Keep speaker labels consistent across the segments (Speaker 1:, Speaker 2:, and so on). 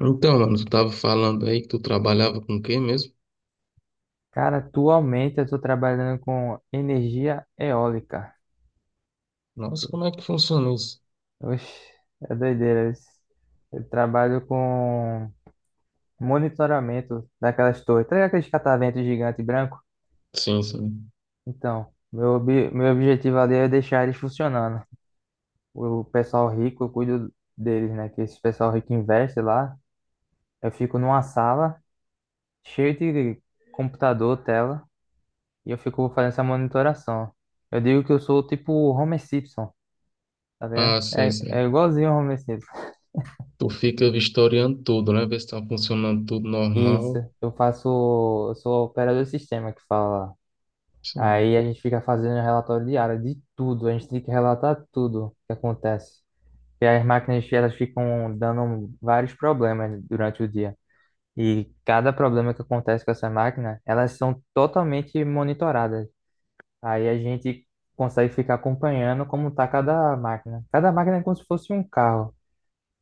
Speaker 1: Então, mano, tu tava falando aí que tu trabalhava com quem mesmo?
Speaker 2: Cara, atualmente eu tô trabalhando com energia eólica.
Speaker 1: Nossa, como é que funciona isso?
Speaker 2: Oxe, é doideira isso. Eu trabalho com monitoramento daquelas torres. Tá ligado aqueles cataventos gigante branco?
Speaker 1: Sim, sim.
Speaker 2: Então, meu, meu objetivo ali é deixar eles funcionando. O pessoal rico, eu cuido deles, né? Que esse pessoal rico investe lá. Eu fico numa sala cheia de computador, tela, e eu fico fazendo essa monitoração. Eu digo que eu sou tipo o Homer Simpson, tá ligado?
Speaker 1: Ah, sei,
Speaker 2: É
Speaker 1: sei.
Speaker 2: igualzinho o home sexy.
Speaker 1: Tu fica vistoriando tudo, né? Ver se tá funcionando tudo
Speaker 2: Isso,
Speaker 1: normal.
Speaker 2: eu faço, eu sou operador de sistema que fala.
Speaker 1: Sim.
Speaker 2: Aí a gente fica fazendo relatório diário de tudo, a gente tem que relatar tudo que acontece. E as máquinas, elas ficam dando vários problemas durante o dia. E cada problema que acontece com essa máquina, elas são totalmente monitoradas. Aí a gente consegue ficar acompanhando como tá cada máquina. Cada máquina é como se fosse um carro.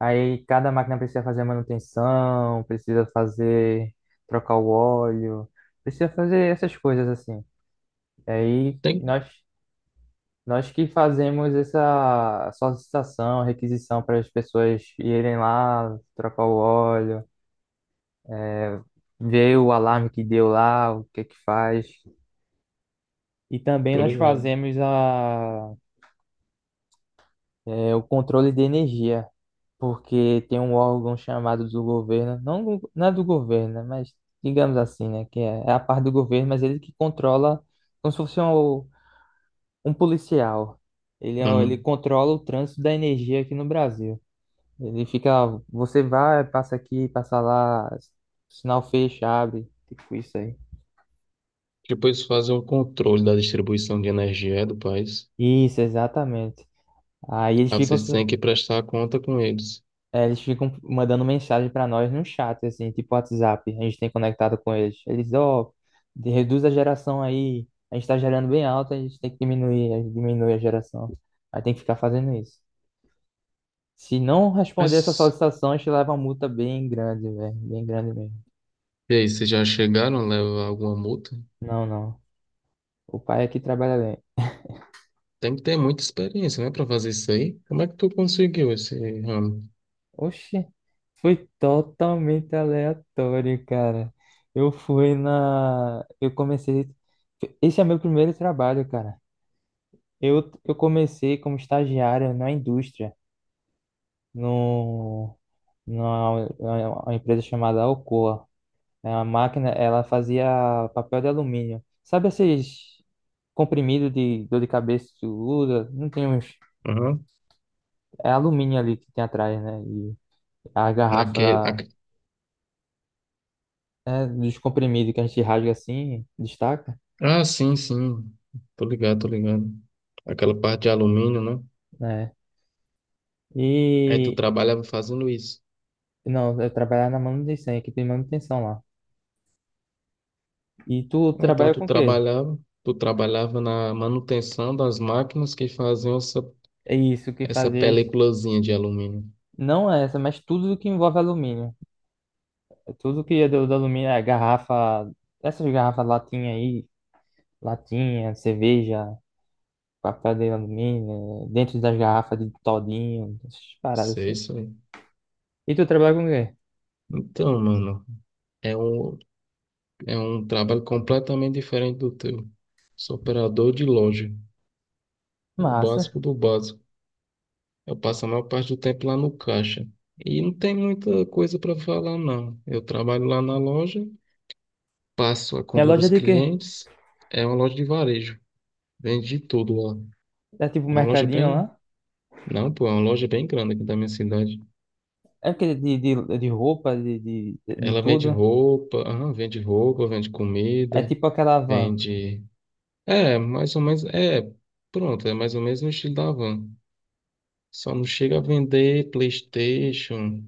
Speaker 2: Aí cada máquina precisa fazer manutenção, precisa fazer trocar o óleo, precisa fazer essas coisas assim. Aí
Speaker 1: Tem?
Speaker 2: nós que fazemos essa solicitação, requisição para as pessoas irem lá trocar o óleo, é, ver o alarme que deu lá, o que é que faz. E também
Speaker 1: Tô
Speaker 2: nós
Speaker 1: ligado.
Speaker 2: fazemos o controle de energia. Porque tem um órgão chamado do governo, não, não é do governo, né, mas digamos assim, né, que é a parte do governo, mas ele que controla, como se fosse um policial. Ele
Speaker 1: Uhum.
Speaker 2: controla o trânsito da energia aqui no Brasil. Ele fica, ó, você vai, passa aqui, passa lá, sinal fecha, abre, tipo isso aí.
Speaker 1: Depois fazem um controle da distribuição de energia é, do país.
Speaker 2: Isso, exatamente. Aí eles
Speaker 1: Aí
Speaker 2: ficam.
Speaker 1: vocês têm que prestar conta com eles.
Speaker 2: É, eles ficam mandando mensagem pra nós no chat, assim, tipo WhatsApp. A gente tem conectado com eles. Eles, ó, reduz a geração aí. A gente tá gerando bem alto, a gente tem que diminuir, a gente diminui a geração. Aí tem que ficar fazendo isso. Se não responder essa
Speaker 1: Mas,
Speaker 2: solicitação, a gente leva uma multa bem grande, velho. Bem grande mesmo.
Speaker 1: e aí, vocês já chegaram a levar alguma multa?
Speaker 2: Não, não. O pai aqui trabalha bem.
Speaker 1: Tem que ter muita experiência, né, pra fazer isso aí. Como é que tu conseguiu esse ramo?
Speaker 2: Oxi, foi totalmente aleatório, cara. Eu fui na. Eu comecei. Esse é meu primeiro trabalho, cara. Eu comecei como estagiário na indústria, no, numa, uma empresa chamada Alcoa. É uma máquina, ela fazia papel de alumínio. Sabe esses comprimidos de dor de cabeça que tu usa? Não tem uns.
Speaker 1: Aham.
Speaker 2: É alumínio ali que tem atrás, né? E a
Speaker 1: Naquele,
Speaker 2: garrafa é, dos comprimidos que a gente rasga assim, destaca,
Speaker 1: ah, sim, sim. Tô ligado, tô ligado. Aquela parte de alumínio, né?
Speaker 2: né?
Speaker 1: Aí tu
Speaker 2: E.
Speaker 1: trabalhava fazendo isso.
Speaker 2: Não, eu trabalhava na manutenção, equipe de manutenção lá. E tu
Speaker 1: Ah, então
Speaker 2: trabalha
Speaker 1: tu
Speaker 2: com o quê?
Speaker 1: trabalhava, na manutenção das máquinas que faziam essa,
Speaker 2: É isso que
Speaker 1: essa
Speaker 2: fazias.
Speaker 1: peliculazinha de alumínio.
Speaker 2: Não é essa, mas tudo que envolve alumínio. É tudo que é do alumínio, é garrafa, essas garrafas latinha aí, latinha, cerveja, papel de alumínio, dentro das garrafas de todinho, essas paradas
Speaker 1: Sei,
Speaker 2: assim.
Speaker 1: isso aí.
Speaker 2: E tu trabalha com o quê?
Speaker 1: Então, mano, é um, é um trabalho completamente diferente do teu. Sou operador de loja, o
Speaker 2: Massa.
Speaker 1: básico do básico. Eu passo a maior parte do tempo lá no caixa. E não tem muita coisa para falar, não. Eu trabalho lá na loja. Faço a
Speaker 2: E a
Speaker 1: compra
Speaker 2: loja
Speaker 1: dos
Speaker 2: é de quê?
Speaker 1: clientes. É uma loja de varejo. Vende de tudo lá.
Speaker 2: É tipo um
Speaker 1: É uma loja
Speaker 2: mercadinho
Speaker 1: bem.
Speaker 2: lá?
Speaker 1: Não, pô, é uma loja bem grande aqui da minha cidade.
Speaker 2: É aquele de roupa, de
Speaker 1: Ela vende
Speaker 2: tudo?
Speaker 1: roupa, aham, vende roupa, vende
Speaker 2: É
Speaker 1: comida,
Speaker 2: tipo aquela van.
Speaker 1: vende. É, mais ou menos. É, pronto, é mais ou menos no estilo da Van. Só não chega a vender PlayStation,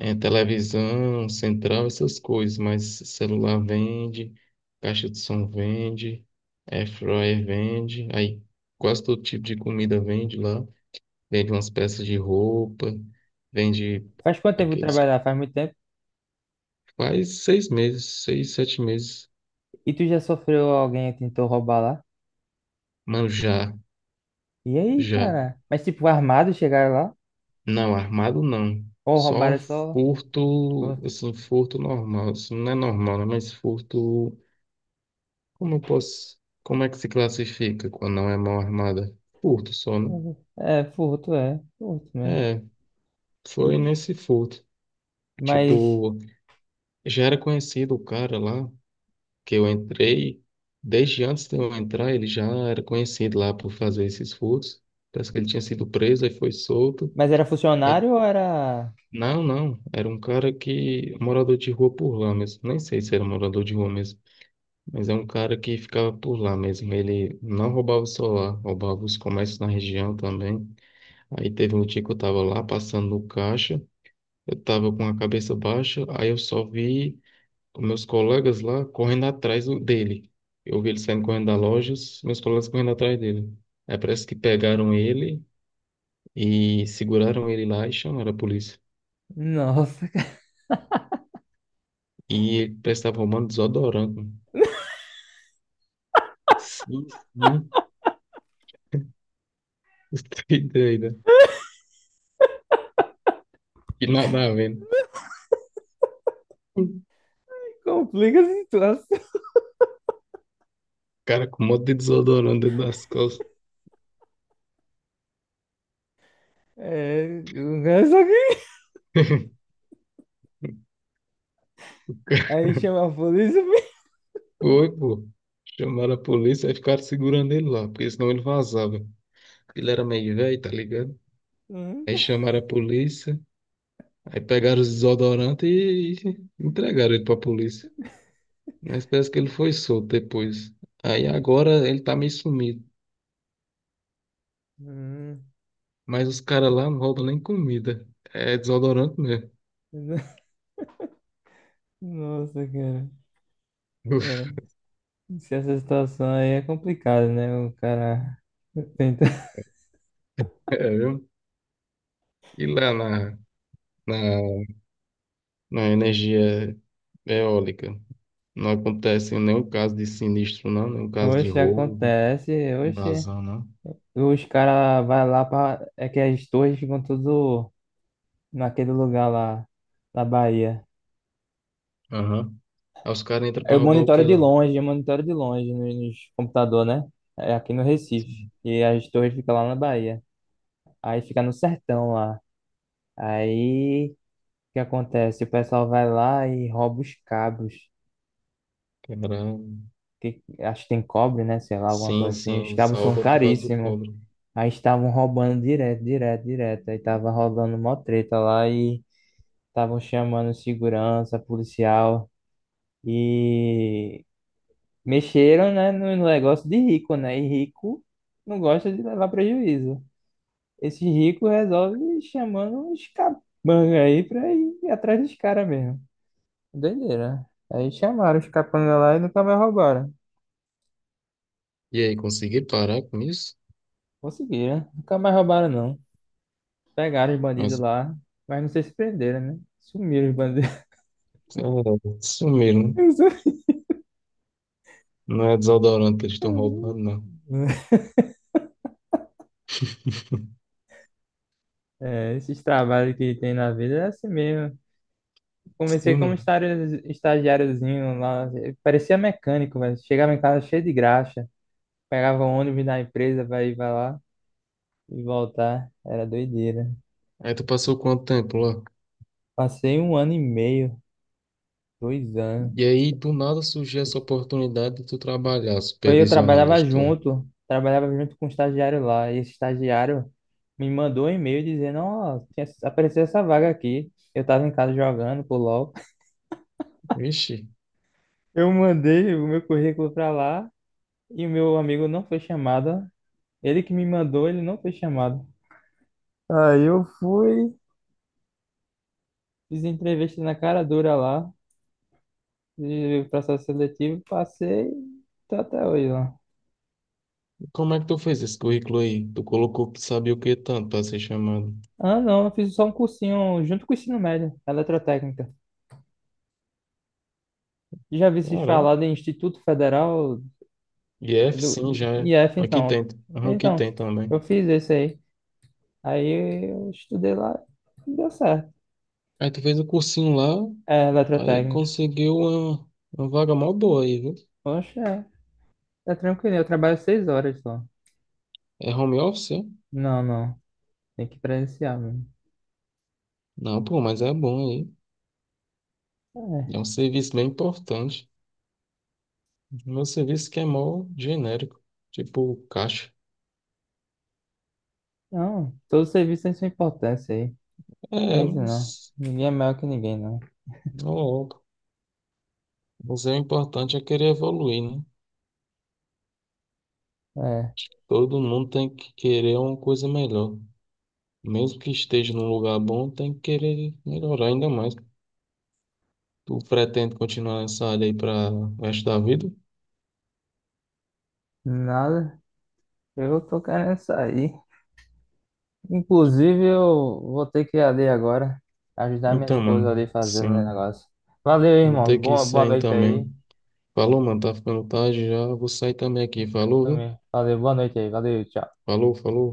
Speaker 1: é, televisão, central, essas coisas, mas celular vende, caixa de som vende, airfryer vende, aí quase todo tipo de comida vende lá, vende umas peças de roupa, vende
Speaker 2: Faz quanto tempo que tu
Speaker 1: aqueles...
Speaker 2: trabalha lá? Faz muito tempo.
Speaker 1: Faz 6 meses, seis, 7 meses.
Speaker 2: E tu já sofreu alguém que tentou roubar lá?
Speaker 1: Mano, já,
Speaker 2: E aí,
Speaker 1: já,
Speaker 2: cara? Mas tipo, armado chegaram lá?
Speaker 1: não, armado não,
Speaker 2: Ou
Speaker 1: só
Speaker 2: roubaram só.
Speaker 1: furto,
Speaker 2: Furto.
Speaker 1: assim, furto normal, assim, não é normal, né, mas furto. Como eu posso. Como é que se classifica quando não é mão armada? Furto só, né?
Speaker 2: É, furto, é. Furto mesmo.
Speaker 1: É,
Speaker 2: E-
Speaker 1: foi nesse furto.
Speaker 2: mas,
Speaker 1: Tipo, já era conhecido o cara lá que eu entrei. Desde antes de eu entrar, ele já era conhecido lá por fazer esses furtos. Parece que ele tinha sido preso, aí foi solto.
Speaker 2: mas era
Speaker 1: Aí,
Speaker 2: funcionário ou era.
Speaker 1: não, não. Era um cara que. Morador de rua por lá mesmo. Nem sei se era morador de rua mesmo. Mas é um cara que ficava por lá mesmo. Ele não roubava o celular, roubava os comércios na região também. Aí teve um dia que eu tava lá passando no caixa, eu tava com a cabeça baixa, aí eu só vi os meus colegas lá correndo atrás dele. Eu vi ele saindo correndo da loja, os meus colegas correndo atrás dele. Aí parece que pegaram ele e seguraram ele lá e chamaram a polícia.
Speaker 2: Nossa, cara,
Speaker 1: E ele parece que tava arrumando desodorante, mano. Sim, sim, que doido, né? E nada a ver. O
Speaker 2: complica a situação.
Speaker 1: cara com um monte de desodorante dentro das calças.
Speaker 2: É, o cara só que. Aí chama a polícia.
Speaker 1: Foi, pô. Chamaram a polícia e ficaram segurando ele lá, porque senão ele vazava. Ele era meio velho, tá ligado?
Speaker 2: Hum,
Speaker 1: Aí chamaram a polícia, aí pegaram os desodorantes e entregaram ele pra polícia. Mas parece que ele foi solto depois. Aí agora ele tá meio sumido.
Speaker 2: hum.
Speaker 1: Mas os caras lá não roubam nem comida. É desodorante mesmo.
Speaker 2: Nossa, cara. É, se essa situação aí é complicada, né? O cara tenta.
Speaker 1: É, viu? E lá na, na energia eólica, não acontece nenhum caso de sinistro, não, nenhum caso de
Speaker 2: Oxe,
Speaker 1: roubo,
Speaker 2: acontece. Oxe,
Speaker 1: vazão, não.
Speaker 2: os caras vai lá pra. É que as torres ficam tudo naquele lugar lá, na Bahia.
Speaker 1: Aham. Aí os caras entram pra
Speaker 2: Eu
Speaker 1: roubar o
Speaker 2: monitoro
Speaker 1: que
Speaker 2: de
Speaker 1: lá?
Speaker 2: longe, eu monitoro de longe nos computador, né? É aqui no Recife. E as torres ficam lá na Bahia. Aí fica no sertão lá. Aí o que acontece? O pessoal vai lá e rouba os cabos.
Speaker 1: Caralho.
Speaker 2: Que, acho que tem cobre, né? Sei lá, alguma
Speaker 1: Sim,
Speaker 2: coisa assim.
Speaker 1: sim,
Speaker 2: Os
Speaker 1: eles
Speaker 2: cabos são
Speaker 1: roubam por causa do
Speaker 2: caríssimos.
Speaker 1: cobre.
Speaker 2: Aí estavam roubando direto, direto, direto. Aí tava rolando mó treta lá e estavam chamando segurança, policial. E mexeram, né, no negócio de rico, né? E rico não gosta de levar prejuízo. Esse rico resolve chamando uns capangas aí pra ir atrás dos caras mesmo. Doideira. Aí chamaram os capangas lá e nunca mais roubaram.
Speaker 1: E aí, consegui parar com isso?
Speaker 2: Conseguiram. Nunca mais roubaram, não. Pegaram os bandidos
Speaker 1: Mas,
Speaker 2: lá, mas não sei se prenderam, né? Sumiram os bandidos.
Speaker 1: é, sumiram, né? Não é desodorante que eles estão roubando, não.
Speaker 2: É, esses trabalhos que tem na vida é assim mesmo. Comecei
Speaker 1: Sim,
Speaker 2: como
Speaker 1: mano.
Speaker 2: estagiáriozinho lá, parecia mecânico, velho. Chegava em casa cheio de graxa, pegava o ônibus da empresa pra ir pra lá e voltar. Era doideira.
Speaker 1: Aí tu passou quanto tempo lá?
Speaker 2: Passei um ano e meio, 2 anos.
Speaker 1: E aí, do nada surgiu essa oportunidade de tu trabalhar
Speaker 2: Foi, eu
Speaker 1: supervisionando
Speaker 2: trabalhava
Speaker 1: as torres.
Speaker 2: junto, trabalhava junto com um estagiário lá, e esse estagiário me mandou um e-mail dizendo, ó, tinha apareceu essa vaga aqui. Eu tava em casa jogando pro LOL.
Speaker 1: Vixe,
Speaker 2: Eu mandei o meu currículo pra lá e o meu amigo não foi chamado. Ele que me mandou, ele não foi chamado. Aí eu fui, fiz entrevista na cara dura lá, de processo seletivo, passei, tô até hoje lá.
Speaker 1: e como é que tu fez esse currículo aí? Tu colocou que sabia o que tanto pra ser chamado.
Speaker 2: Ah, não, eu fiz só um cursinho junto com o ensino médio, eletrotécnica. Já vi se
Speaker 1: Caralho.
Speaker 2: falar de Instituto Federal
Speaker 1: IF,
Speaker 2: do
Speaker 1: sim, já é.
Speaker 2: IF,
Speaker 1: Aqui
Speaker 2: então.
Speaker 1: tem. Aham, aqui
Speaker 2: Então,
Speaker 1: tem
Speaker 2: eu
Speaker 1: também.
Speaker 2: fiz esse aí. Aí eu estudei lá e deu certo.
Speaker 1: Aí tu fez o cursinho lá,
Speaker 2: É,
Speaker 1: aí
Speaker 2: eletrotécnica.
Speaker 1: conseguiu uma vaga mó boa aí, viu?
Speaker 2: Poxa, é, tá tranquilo, eu trabalho 6 horas só.
Speaker 1: É home office, é?
Speaker 2: Não, não, tem que presenciar mesmo.
Speaker 1: Não, pô, mas é bom aí. É um serviço bem importante. Meu serviço que é mó genérico, tipo caixa.
Speaker 2: Não, todo serviço tem sua importância aí.
Speaker 1: É,
Speaker 2: Isso não.
Speaker 1: mas
Speaker 2: Ninguém é melhor que ninguém, não.
Speaker 1: não logo. Mas é importante é querer evoluir, né?
Speaker 2: É,
Speaker 1: Todo mundo tem que querer uma coisa melhor. Mesmo que esteja num lugar bom, tem que querer melhorar ainda mais. Tu pretende continuar nessa área aí para o resto da vida?
Speaker 2: nada. Eu tô querendo sair. Inclusive, eu vou ter que ir ali agora. Ajudar minha
Speaker 1: Então,
Speaker 2: esposa ali
Speaker 1: mano,
Speaker 2: fazendo o
Speaker 1: sim.
Speaker 2: negócio. Valeu,
Speaker 1: Vou
Speaker 2: irmão.
Speaker 1: ter que ir
Speaker 2: Boa
Speaker 1: saindo
Speaker 2: noite aí.
Speaker 1: também. Falou, mano, tá ficando tarde já. Vou sair também aqui. Falou, viu?
Speaker 2: Dormir. Valeu, boa noite aí. Valeu, tchau.
Speaker 1: Falou, falou.